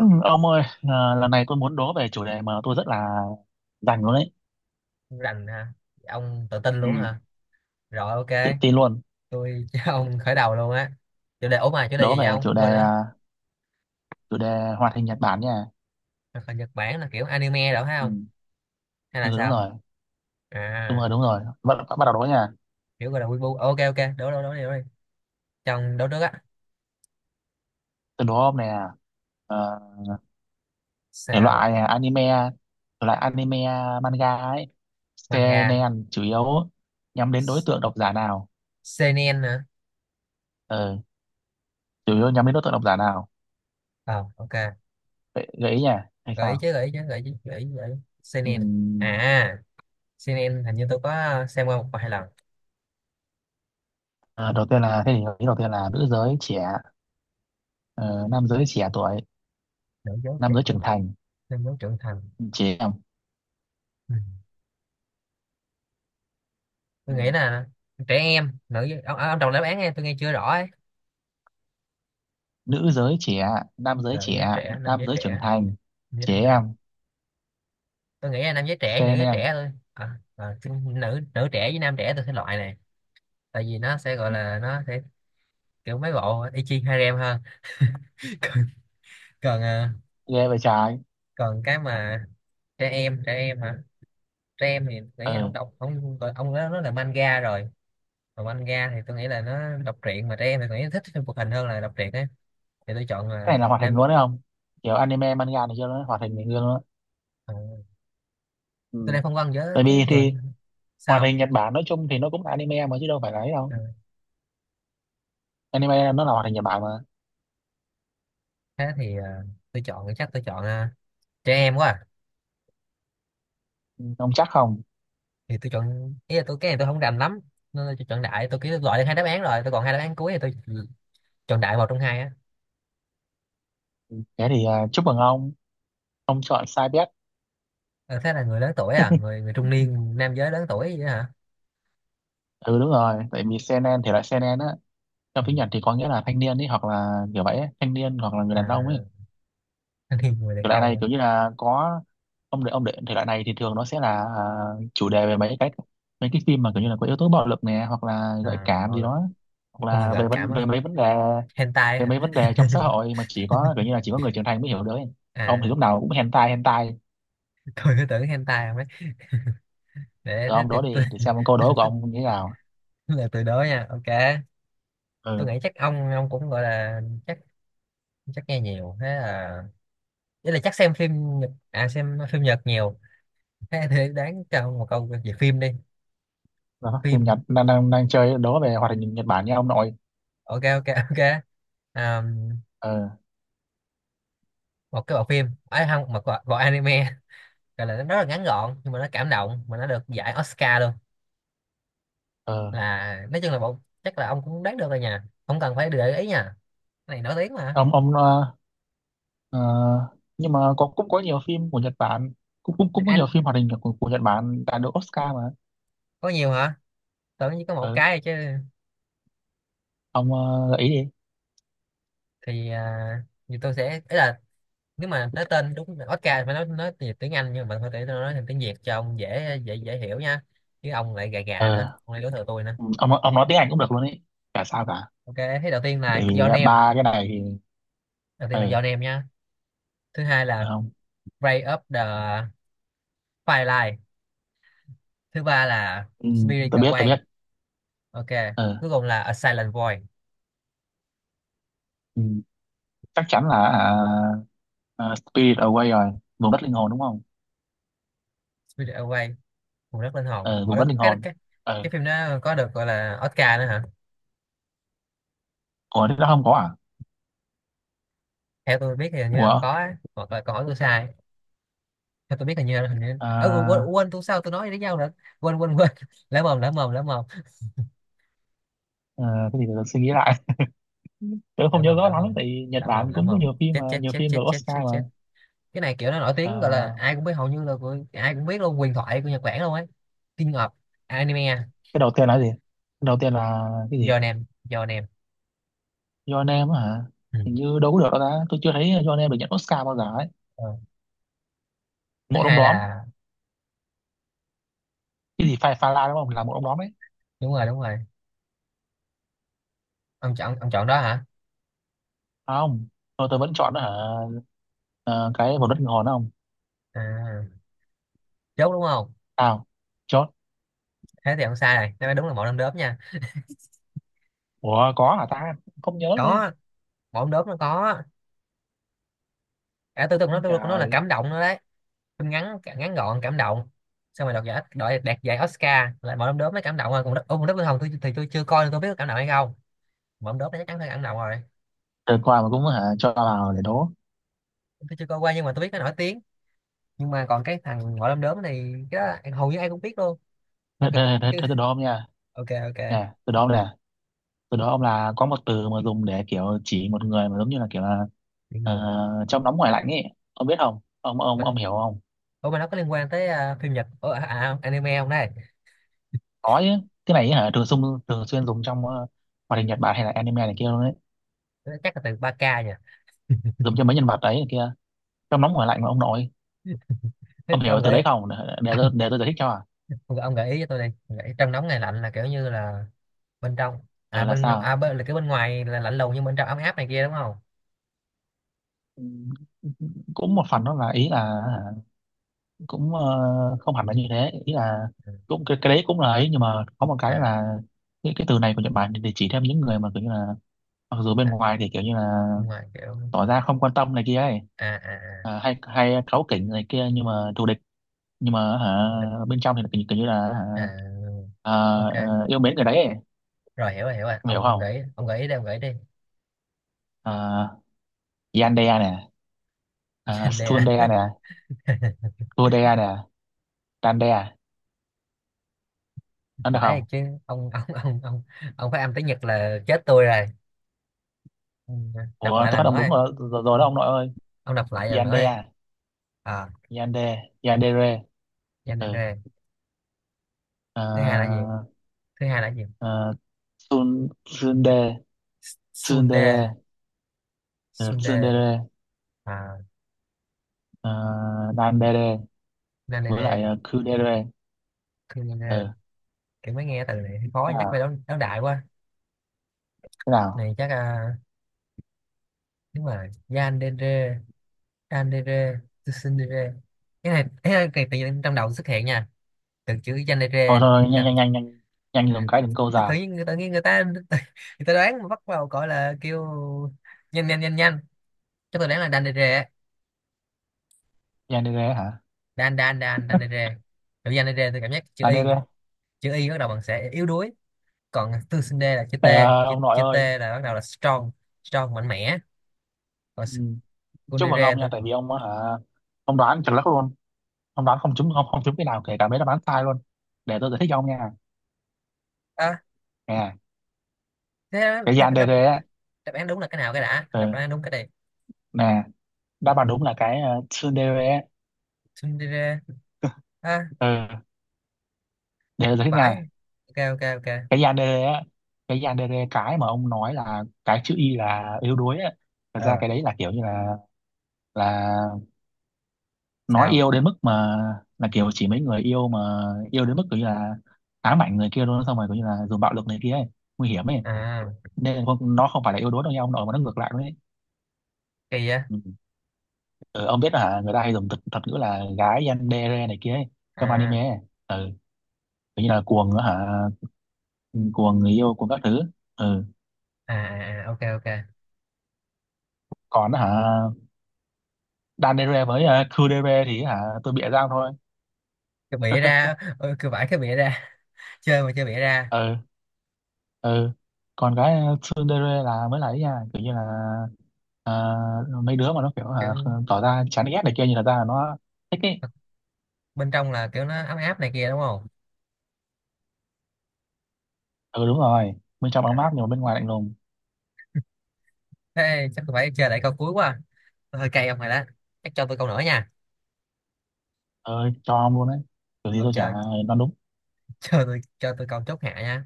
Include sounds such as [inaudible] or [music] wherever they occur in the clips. Ừ, ông ơi, lần này tôi muốn đố về chủ đề mà tôi rất là rành luôn đấy, Không rành hả? Ông tự tin luôn ừ hả? Rồi, tự ok. tin luôn. Tôi [laughs] cho ông khởi đầu luôn á. Chủ đề, mà chủ đề Đố gì vậy, về ông chủ đề quên nữa. à, chủ đề hoạt hình Nhật Bản nha. Là Nhật Bản, là kiểu anime đó phải Ừ không, hay là Ừ đúng sao? rồi, đúng à rồi, đúng rồi. Bắt đầu đố nha. Kiểu gọi là wibu. Ok ok, đố đố đi, cho ông đố trước á. Tôi đố ông nè, ờ, thể Sao? loại à, anime, thể loại anime à, manga ấy, Manga. seinen chủ yếu nhắm đến đối S- tượng độc giả nào? seinen hả? Ừ, chủ yếu nhắm đến đối tượng độc giả nào? Ờ ok. Gợi ý nha, hay gợi ý sao? chứ gợi ý chứ gợi ý chứ, gợi ý gợi ý. Seinen, Ừm, à seinen hình như tôi có xem qua một vài lần. Đầu tiên là thế thì gợi ý đầu tiên là nữ giới trẻ. Ờ, nam giới trẻ tuổi, Nữ dấu trẻ. nam giới trưởng thành, Nam dấu trưởng thành. trẻ em. Ừ. Tôi Ừ. nghĩ là trẻ em, nữ giới- ông đọc đáp án nghe, tôi nghe chưa rõ ấy. Nữ giới trẻ, nam giới Nữ giới trẻ, trẻ, nam nam giới giới trưởng trẻ, thành, như trẻ trưởng thành. em, Tôi nghĩ là nam giới trẻ, nữ sen giới trẻ em. thôi, chứ nữ nữ trẻ với nam trẻ tôi sẽ loại này. Tại vì nó sẽ gọi Ừ. là, nó sẽ kiểu mấy bộ y chi harem hơn. [laughs] Còn, còn, à, Ghê vậy trái. còn cái mà trẻ em, trẻ em hả? Trẻ em thì tôi nghĩ là Ừ, không đọc, không gọi- ông đó nó là manga rồi. Còn manga thì tôi nghĩ là nó đọc truyện, mà trẻ em thì tôi nghĩ thích phim hoạt hình hơn là đọc truyện ấy. Thì tôi chọn cái là này là hoạt hình nam. luôn đấy không, kiểu anime manga này kia nó hoạt hình này kia luôn á. ờ, tôi Ừ. đang phân vân với Tại cái vì thì người. hoạt Sao? hình Nhật Bản nói chung thì nó cũng là anime mà chứ đâu phải là ấy đâu, Ờ, anime nó là hoạt hình Nhật Bản mà. thế thì tôi chọn, chắc tôi chọn, trẻ em quá à. Ừ, ông chắc không, Thì tôi chọn, ý là tôi cái này tôi không rành lắm, nên tôi chọn đại, tôi kêu loại được hai đáp án rồi, tôi còn hai đáp án cuối thì tôi chọn đại một trong hai á. thế thì à, chúc mừng ông chọn sai bet. Ờ, Thế là người lớn tuổi à, người người trung niên, nam giới lớn tuổi vậy hả? Ừ đúng rồi, tại vì seinen thì lại seinen á, trong Ừ. tiếng Nhật thì có nghĩa là thanh niên ấy hoặc là kiểu vậy ấy, thanh niên hoặc là người đàn ông ấy. à, Thanh niên, người đàn Thể loại này ông. kiểu như là có, ông để thể loại này thì thường nó sẽ là à, chủ đề về mấy cái, mấy cái phim mà kiểu như là có yếu tố bạo lực nè hoặc là gợi À, cảm bạo gì lực. đó, hoặc Ui, là gợi về cảm vấn á. về mấy vấn đề, Hentai về hả? mấy vấn đề trong xã hội mà chỉ có kiểu như [laughs] là chỉ có người trưởng thành mới hiểu được ấy. Ông thì À, lúc nào cũng hentai hentai. tôi cứ tưởng hentai không ấy. Để Rồi thế ông thì đố tôi đi để xem câu [laughs] tôi đố của tôi- ông như thế nào. tôi là từ đó nha. Ok, tôi Ừ nghĩ chắc ông cũng gọi là, chắc, chắc nghe nhiều. Thế là ý là chắc xem phim Nhật, xem phim Nhật nhiều. Thế thì đáng cho một câu về phim đi. đó, phim Nhật Phim, đang đang đang chơi đố về hoạt hình Nhật Bản nha ông nội. ok ok ok. à, Ờ Một cái bộ phim ấy, không, một bộ, bộ anime, gọi là nó rất là ngắn gọn nhưng mà nó cảm động, mà nó được giải Oscar luôn. ừ Là nói chung là bộ, chắc là ông cũng đoán được rồi nha, không cần phải để ý nha, cái này nổi tiếng mà. Ông Ờ, nhưng mà có cũng có nhiều phim của Nhật Bản, cũng cũng cũng có nhiều Anh, phim hoạt hình của Nhật Bản đã được Oscar mà. có nhiều hả? Tưởng chỉ có một Ừ. cái thôi chứ. Ông gợi đi. Thì thì tôi sẽ, ý là nếu mà nói tên đúng là Oscar phải nói tiếng tiếng Anh, nhưng mà thôi để tôi nói thành tiếng Việt cho ông dễ dễ dễ hiểu nha, chứ ông lại gà gà nữa, Ừ. ông lại đối thừa tôi nữa. Ông nói tiếng Anh cũng được luôn ấy, chả sao cả, Ok, thế đầu tiên tại là vì Your à, Name. ba cái này thì Đầu tiên là ờ Your Name nhá. Thứ hai ừ là không Break Up The Firelight. Thứ ba là ừ, Spirit tôi biết tôi Away. biết. Ok, Ờ cuối cùng là A Silent Void. Ừ. Chắc chắn là à, à, Spirit Away rồi, vùng đất linh hồn đúng không. Spirit Away, vùng đất linh hồn. Ờ Ở vùng đó đất linh cái hồn. cái cái Ờ phim đó có được gọi là Oscar nữa hả? ủa thế đó không có à. Theo tôi biết thì hình như là không Ủa có á, hoặc là có tôi sai. Theo tôi biết hình như là, hình như, ơ, quên, à, quên, tôi sao tôi nói với nhau nữa. Quên quên quên. [laughs] Lỡ mồm lỡ mồm lỡ mồm à, cái gì để tôi suy nghĩ lại. [laughs] Tôi lỡ không nhớ mồm rõ lỡ lắm mồm tại vì Nhật lỡ mồm Bản lỡ cũng có mồm nhiều phim Chết mà chết nhiều chết phim chết được chết Oscar chết mà. chết. Cái này kiểu nó nổi tiếng, gọi là À, ai cũng biết, hầu như là của, ai cũng biết luôn, huyền thoại của Nhật Bản luôn ấy. King of anime. cái đầu tiên là cái gì? Cái đầu tiên là cái Giờ gì? nèm, giờ nèm. Your Name á hả? Ừ. Hình như đâu có được đâu ta. Tôi chưa thấy Your Name được nhận Oscar bao giờ ấy. Ờ. Thứ Một ông hai đóm. là Cái gì Phai Pha La đúng không? Là một ông đóm ấy. đúng rồi, đúng rồi. Ông chọn, ông chọn đó hả? À, không. Thôi tôi vẫn chọn hả? Ờ, cái một đất kinh hồn đó không? à, Chốt đúng không? Sao? Chọn. Thế thì ông sai này, nó đúng là mẫu đom đóm nha. Ủa có hả ta? Không nhớ đấy. Có, mẫu đom đóm nó có cả tư tưởng, nó Ông tôi của nó là trời. cảm động nữa đấy. Phim ngắn, ngắn gọn, cảm động, xong rồi đoạt giải, đạt giải Oscar là mẫu đom đóm, mới cảm động rồi. Còn đất ông, đất Vương Hồng tôi thì tôi chưa coi, nên tôi biết có cảm động hay không. Mẫu đom đóm nó chắc chắn phải cảm động rồi. Đợt qua mà cũng hả? Cho vào để đố. Tôi chưa coi qua nhưng mà tôi biết nó nổi tiếng, nhưng mà còn cái thằng ngõ đom đóm này cái đó, em- hầu như ai cũng biết luôn, mà Thế, kiểu thế, tôi cũng thế, chưa. thế tôi đố không nha? [laughs] Ok ok. Nè, tôi đố nè. Từ đó ông là có một từ mà dùng để kiểu chỉ một người mà giống như là kiểu là Bị ờ, người nữa. trong nóng ngoài lạnh ấy, ông biết không ông Mình, ông hiểu không. Mà nó có liên quan tới, phim Nhật, anime không đây? Có chứ, cái này ấy hả thường xuyên, thường xuyên dùng trong hoạt hình Nhật Bản hay là anime này kia luôn đấy, Chắc là từ ba k nha. dùng cho mấy nhân vật đấy này kia, trong nóng ngoài lạnh mà ông nội. Thế Ông hiểu ông từ gợi, đấy không, để để tôi giải thích cho à. ông, gợi- ông gợi ý cho tôi đi. Ông gợi ý trong nóng này lạnh là kiểu như là bên trong, Ừ là bên, sao. Bên là cái, bên ngoài là lạnh lùng nhưng bên trong ấm áp này kia đúng không? Ừ, cũng một phần đó là ý là hả, cũng không hẳn là như thế ý là, Ừ. cũng cái đấy cũng là ấy nhưng mà có một cái à là, cái từ này của Nhật Bản để chỉ thêm những người mà kiểu như là mặc dù bên Đó, ngoài thì kiểu như là bên ngoài kiểu, tỏ ra không quan tâm này kia ấy, à à à à, hay hay cáu kỉnh này kia nhưng mà thù địch, nhưng mà hả, không được. bên trong thì kiểu như là hả, à à, ok, ờ, yêu mến người đấy ấy. rồi hiểu, rồi hiểu rồi. Em hiểu Ông không. gợi ý- ông gợi ý đi, ông gợi ý đi. uh, Yandere nè, [laughs] Trên đây. Stundere nè, à Kudere nè, Dandere, ăn được không. Phải chứ. Ông, [laughs] ông, ông phải âm tiếng Nhật là chết tôi rồi. Ừ, đọc Ủa lại tôi lần phát âm nữa đúng em. rồi, rồi, rồi đó Ông ông nội ơi. ông đọc lại lần nữa em. Yandere, À, Yande, Yandere. Ừ. Yanere. Thứ hai là gì? À, Thứ hai là gì? ờ, Tsunde. Tsundere. Sunde. Ừ. Sunde. Tsundere. À, À, Dandere, với lại Nanere. Kudere. Kunere. Ừ. Kiểu mới nghe từ này thấy khó, Thế chắc phải nào, đấu, đấu đại quá. thế nào. Này chắc, đúng rồi. Yanere, Yanere, Tsundere. Cái này, cái tự nhiên trong đầu xuất hiện nha, từ chữ Thôi Yanere. thôi nhanh nhanh nhanh nhanh, nhanh dùng cái đừng câu Tự già. nhiên người, tự nhiên người ta [laughs] người ta đoán, mà bắt vào gọi là kêu nhanh nhanh nhanh nhanh. Chắc tôi đoán là đàn đề rề á. Yandere hả. Đàn đàn đàn đàn đề rề. Tự nhiên đề rề tôi cảm giác chữ y, Dandere. chữ y bắt đầu bằng sẽ yếu đuối. Còn tư sinh đê là chữ t. Để, à, chữ, ông nội chữ t ơi. là bắt đầu là strong, strong mạnh mẽ. Còn Ừ. s-, con Chúc đề mừng rề ông nha tôi. tại vì ông á hả, ông đoán chuẩn lắm luôn, ông đoán không trúng, không không trúng cái nào kể cả mấy đáp án sai luôn. Để tôi giải thích cho ông nha. à, Nè, Thế đó, cái khoan, Yandere đáp, á. đáp án đúng là cái nào? Cái đã, đáp Ừ. án đúng cái này. Nè, đáp án đúng là cái Tsundere. Sinh đê rề. à, Ờ, để giải thích Phải. nha. Ok ok ok. Cái yandere á, cái yandere cái mà ông nói là cái chữ y là yếu đuối á, thật ra Ờ. cái đấy là kiểu như là nói Sao? yêu đến mức mà, là kiểu chỉ mấy người yêu mà yêu đến mức kiểu như là ám ảnh người kia luôn xong rồi kiểu như là dùng bạo lực này kia ấy, nguy hiểm ấy. À, Nên là không, nó không phải là yếu đuối đâu nha ông nội mà nó ngược lại luôn ấy. kỳ á. Ừ. Ờ, ông biết là hả, người ta hay dùng thuật ngữ là gái yandere này kia ấy, trong à anime ấy. Ừ. Kiểu như là cuồng hả. Ừ, cuồng người yêu cuồng các thứ. Ừ. à ok ok. Còn hả, đan đê rê với khư đê rê thì hả tôi bịa ra thôi. Cái bịa [laughs] ra, ừ, cứ vải cái bịa ra. [laughs] Chơi mà chơi bịa ra. Ừ ừ. Còn cái xương đê rê là mới là ấy nha, kiểu như là ờ, mấy đứa mà nó kiểu hả, Kiểu, tỏ ra chán ghét này kia nhưng thật ra là nó thích ấy. bên trong là kiểu nó ấm áp này kia đúng không? Ừ đúng rồi, bên trong À, ấm áp nhưng mà bên ngoài lạnh lùng. thế chắc tôi phải chơi lại câu cuối quá. Tôi hơi cay ông rồi đó. Chắc cho tôi câu nữa nha. Ơi cho ông luôn đấy, kiểu gì tôi chả Ok, đoán đúng. cho tôi, cho tôi câu chốt hạ nha.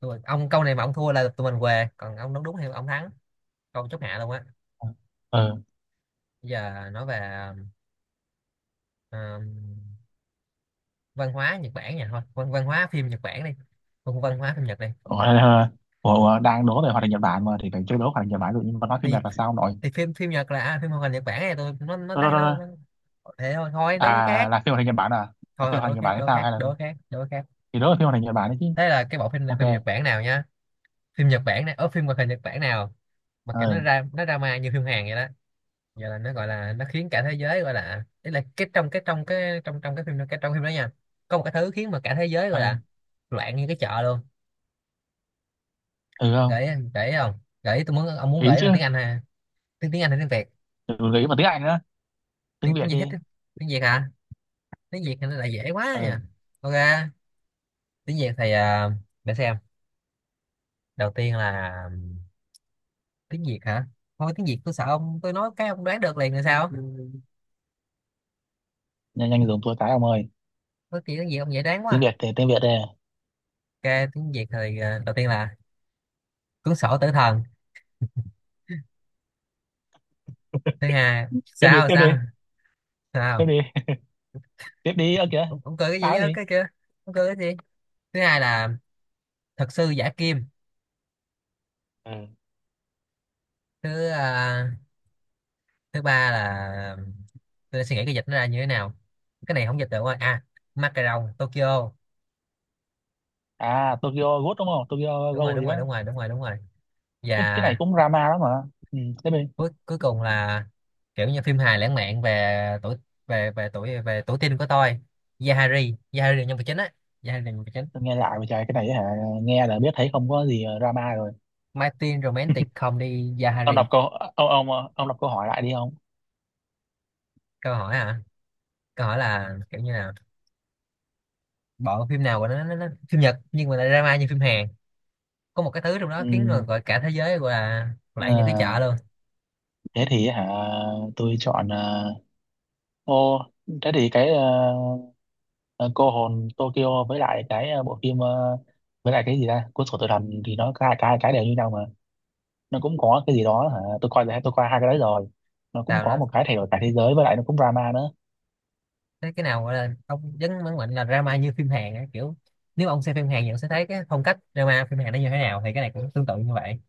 Tôi, ông câu này mà ông thua là tụi mình què, còn ông đúng, đúng thì ông thắng. Câu chốt hạ luôn á. Ừ Bây giờ nói về, ờm, văn hóa Nhật Bản nha, thôi văn văn hóa phim Nhật Bản đi. Văn Văn hóa phim Nhật đi. ủa, [laughs] ờ, ủa, đang đố về hoạt hình Nhật Bản mà thì phải chơi đố hoạt hình Nhật Bản rồi, nhưng mà nói phim thì Nhật là sao nội. thì phim, phim Nhật là, phim hoạt hình Nhật Bản này. Tôi Đó, đó, đó, đó. nó thế thôi, thôi đối với À khác. là phim hoạt hình Nhật Bản à, là Thôi phim rồi, hoạt đố hình Nhật khác Bản hay đố sao khác hay là, đố khác đố khác. thì đó là phim hoạt hình Nhật Bản đấy chứ. Thế là cái bộ phim này phim Nhật Ok Bản nào nhá? Phim Nhật Bản này ở phim hoạt hình Nhật Bản nào mà kiểu nó ừ ra nó drama như phim Hàn vậy đó. Giờ là nó gọi là nó khiến cả thế giới gọi là, ý là cái trong cái trong, cái phim, trong phim đó nha, có một cái thứ khiến mà cả thế giới gọi ờ là loạn như cái chợ luôn. ừ không Gợi ý, gợi ý không? Gợi ý tôi muốn, ông muốn ý gợi ý chứ. bằng tiếng Anh ha, tiếng tiếng Anh hay tiếng Việt? Ừ, ý mà tiếng Anh nữa, tiếng Tiếng, Việt gì hết? đi. Tiếng Việt hả? Tiếng Việt thì nó lại dễ quá Ờ nha. Ok, tiếng Việt thì, để xem. Đầu tiên là, tiếng Việt hả? Thôi tiếng Việt tôi sợ ông, tôi nói cái ông đoán được liền là sao. nhanh nhanh dùng tôi cái ông ơi. Nói chuyện tiếng Việt ông dễ đoán Tiếng quá. Việt thì tiếng Việt đây. Ok, tiếng Việt thì, đầu tiên là cuốn sổ tử thần. Thứ hai, Tiếp đi, sao tiếp đi, sao tiếp sao? đi. [laughs] Tiếp đi ơ kìa. Ông cười cái Sao gì cái á gì. cái kia? Ông cười cái gì? Thứ hai là thật sư giả kim. Ừ. thứ ờ, Thứ ba là, tôi đang suy nghĩ cái dịch nó ra như thế nào. Cái này không dịch được rồi. Macaron Tokyo. À Tokyo Ghoul đúng không, Tokyo đúng rồi Ghoul đúng gì rồi đó. đúng rồi đúng rồi đúng rồi. Cái này Và cũng drama lắm mà. Ừ, tiếp đi. cuối, cuối cùng là kiểu như phim hài lãng mạn về tuổi, về, về tuổi teen của tôi. Yahari, Yahari là nhân vật chính á. Yahari là nhân vật chính. Tôi nghe lại mà trời cái này hả, nghe là biết thấy không có gì drama rồi. My Teen Romantic Comedy Ông đọc Yahari. câu, ông đọc câu hỏi lại đi ông. Câu hỏi hả? Câu hỏi là kiểu như là bộ phim nào của nó, nó phim Nhật nhưng mà lại drama như phim Hàn, có một cái thứ trong đó Ừ. khiến người gọi cả thế giới gọi là, lại Ờ, như cái chợ luôn. thế thì hả, tôi chọn ờ, ô, thế thì cái ờ, ờ, cô hồn Tokyo với lại cái ờ, bộ phim ờ, với lại cái gì ta cuốn sổ tự làm, thì nó cả cái đều như nhau mà, nó cũng có cái gì đó hả tôi coi là tôi coi hai cái đấy rồi, nó cũng Tào có nó. một cái thay đổi cả thế giới với lại nó cũng drama nữa. Thế cái nào gọi là ông dấn mấn mạnh là drama như phim Hàn á, kiểu nếu ông xem phim Hàn thì ông sẽ thấy cái phong cách drama phim Hàn nó như thế nào, thì cái này cũng tương tự như vậy.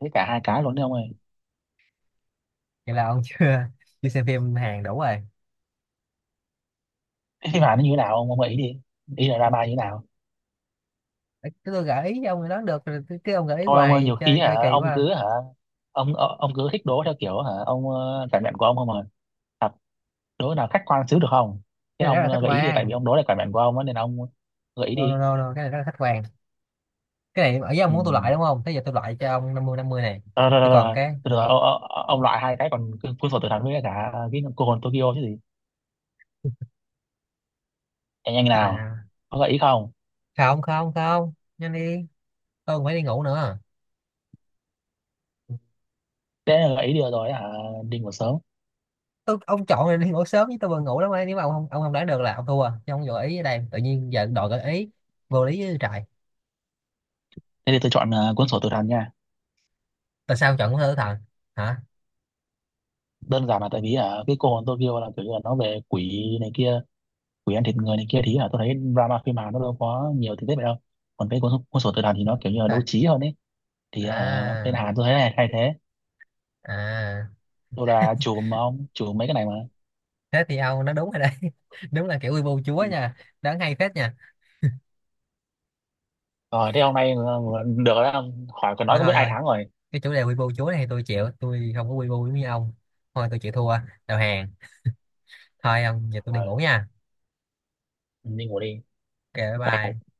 Thế cả hai cái luôn đấy ông ơi. Vậy là ông chưa [laughs] chưa xem phim Hàn đủ rồi. Cái phim Hàn nó như thế nào ông ý đi, ý là drama như thế nào. Ê, cái tôi gợi ý cho ông đó được rồi, cái ông gợi ý Thôi ông ơi hoài, nhiều khi chơi, hả chơi kỳ quá ông à. cứ hả, ông ờ, ông cứ thích đố theo kiểu hả ông ờ, cảm nhận của ông không à. Thật, đố nào khách quan xíu được không. Thế Cái này rất ông là khách ờ, gợi ý đi tại vì quan. ông đố là cảm nhận của ông á, nên ông gợi ý No no đi. no, no. Cái này rất là khách quan. Cái này ở với ông Ừ. muốn tôi loại đúng không? Thế giờ tôi loại cho ông 50-50 này. Ờ, rồi, Thì rồi, rồi, còn rồi. cái Từ từ, ô- ô- ô- ông loại hai cái còn cu- cuốn sổ tự thắng với cả cái cô hồn Tokyo chứ gì. Nhanh nhanh nào, là. có gợi ý không. Không, không. Nhanh đi, tôi còn phải đi ngủ nữa. Thế là gợi ý được rồi hả, đi ngủ sớm. Tôi, ông chọn này đi ngủ sớm chứ tôi vừa ngủ lắm ấy. Nếu mà ông không, ông không đoán được là ông thua, chứ ông gợi ý ở đây tự nhiên giờ đòi gợi ý, vô lý với trời. Thế thì tôi chọn ờ, cuốn sổ tự thắng nha. Tại sao ông chọn của thơ tử thần? Hả? Đơn giản là tại vì hả, cái cô hồn Tokyo là kiểu như là nó về quỷ này kia, quỷ ăn thịt người này kia thì là tôi thấy drama phim Hàn nó đâu có nhiều tình tiết vậy đâu. Còn cái cuốn sổ tự thắng thì nó kiểu như là đấu Trời. trí hơn ấy, thì hả, bên À. Hàn tôi thấy là hay thế. À, Tôi là chùm mà ông chùm mấy cái này mà. thế thì ông nó đúng rồi đấy. [laughs] Đúng là kiểu quy bu chúa Ừ. nha. Đáng hay phết nha. Rồi thế hôm nay ờ, được rồi đó ông. Hỏi còn Thôi nói cũng biết thôi ai thôi, thắng cái chủ đề quy bu chúa này thì tôi chịu, tôi không có quy bu giống như ông. Thôi tôi chịu thua, đầu hàng. Thôi ông, giờ tôi đi rồi, ngủ nha. mình đi ngủ đi Ok bye tao. bye.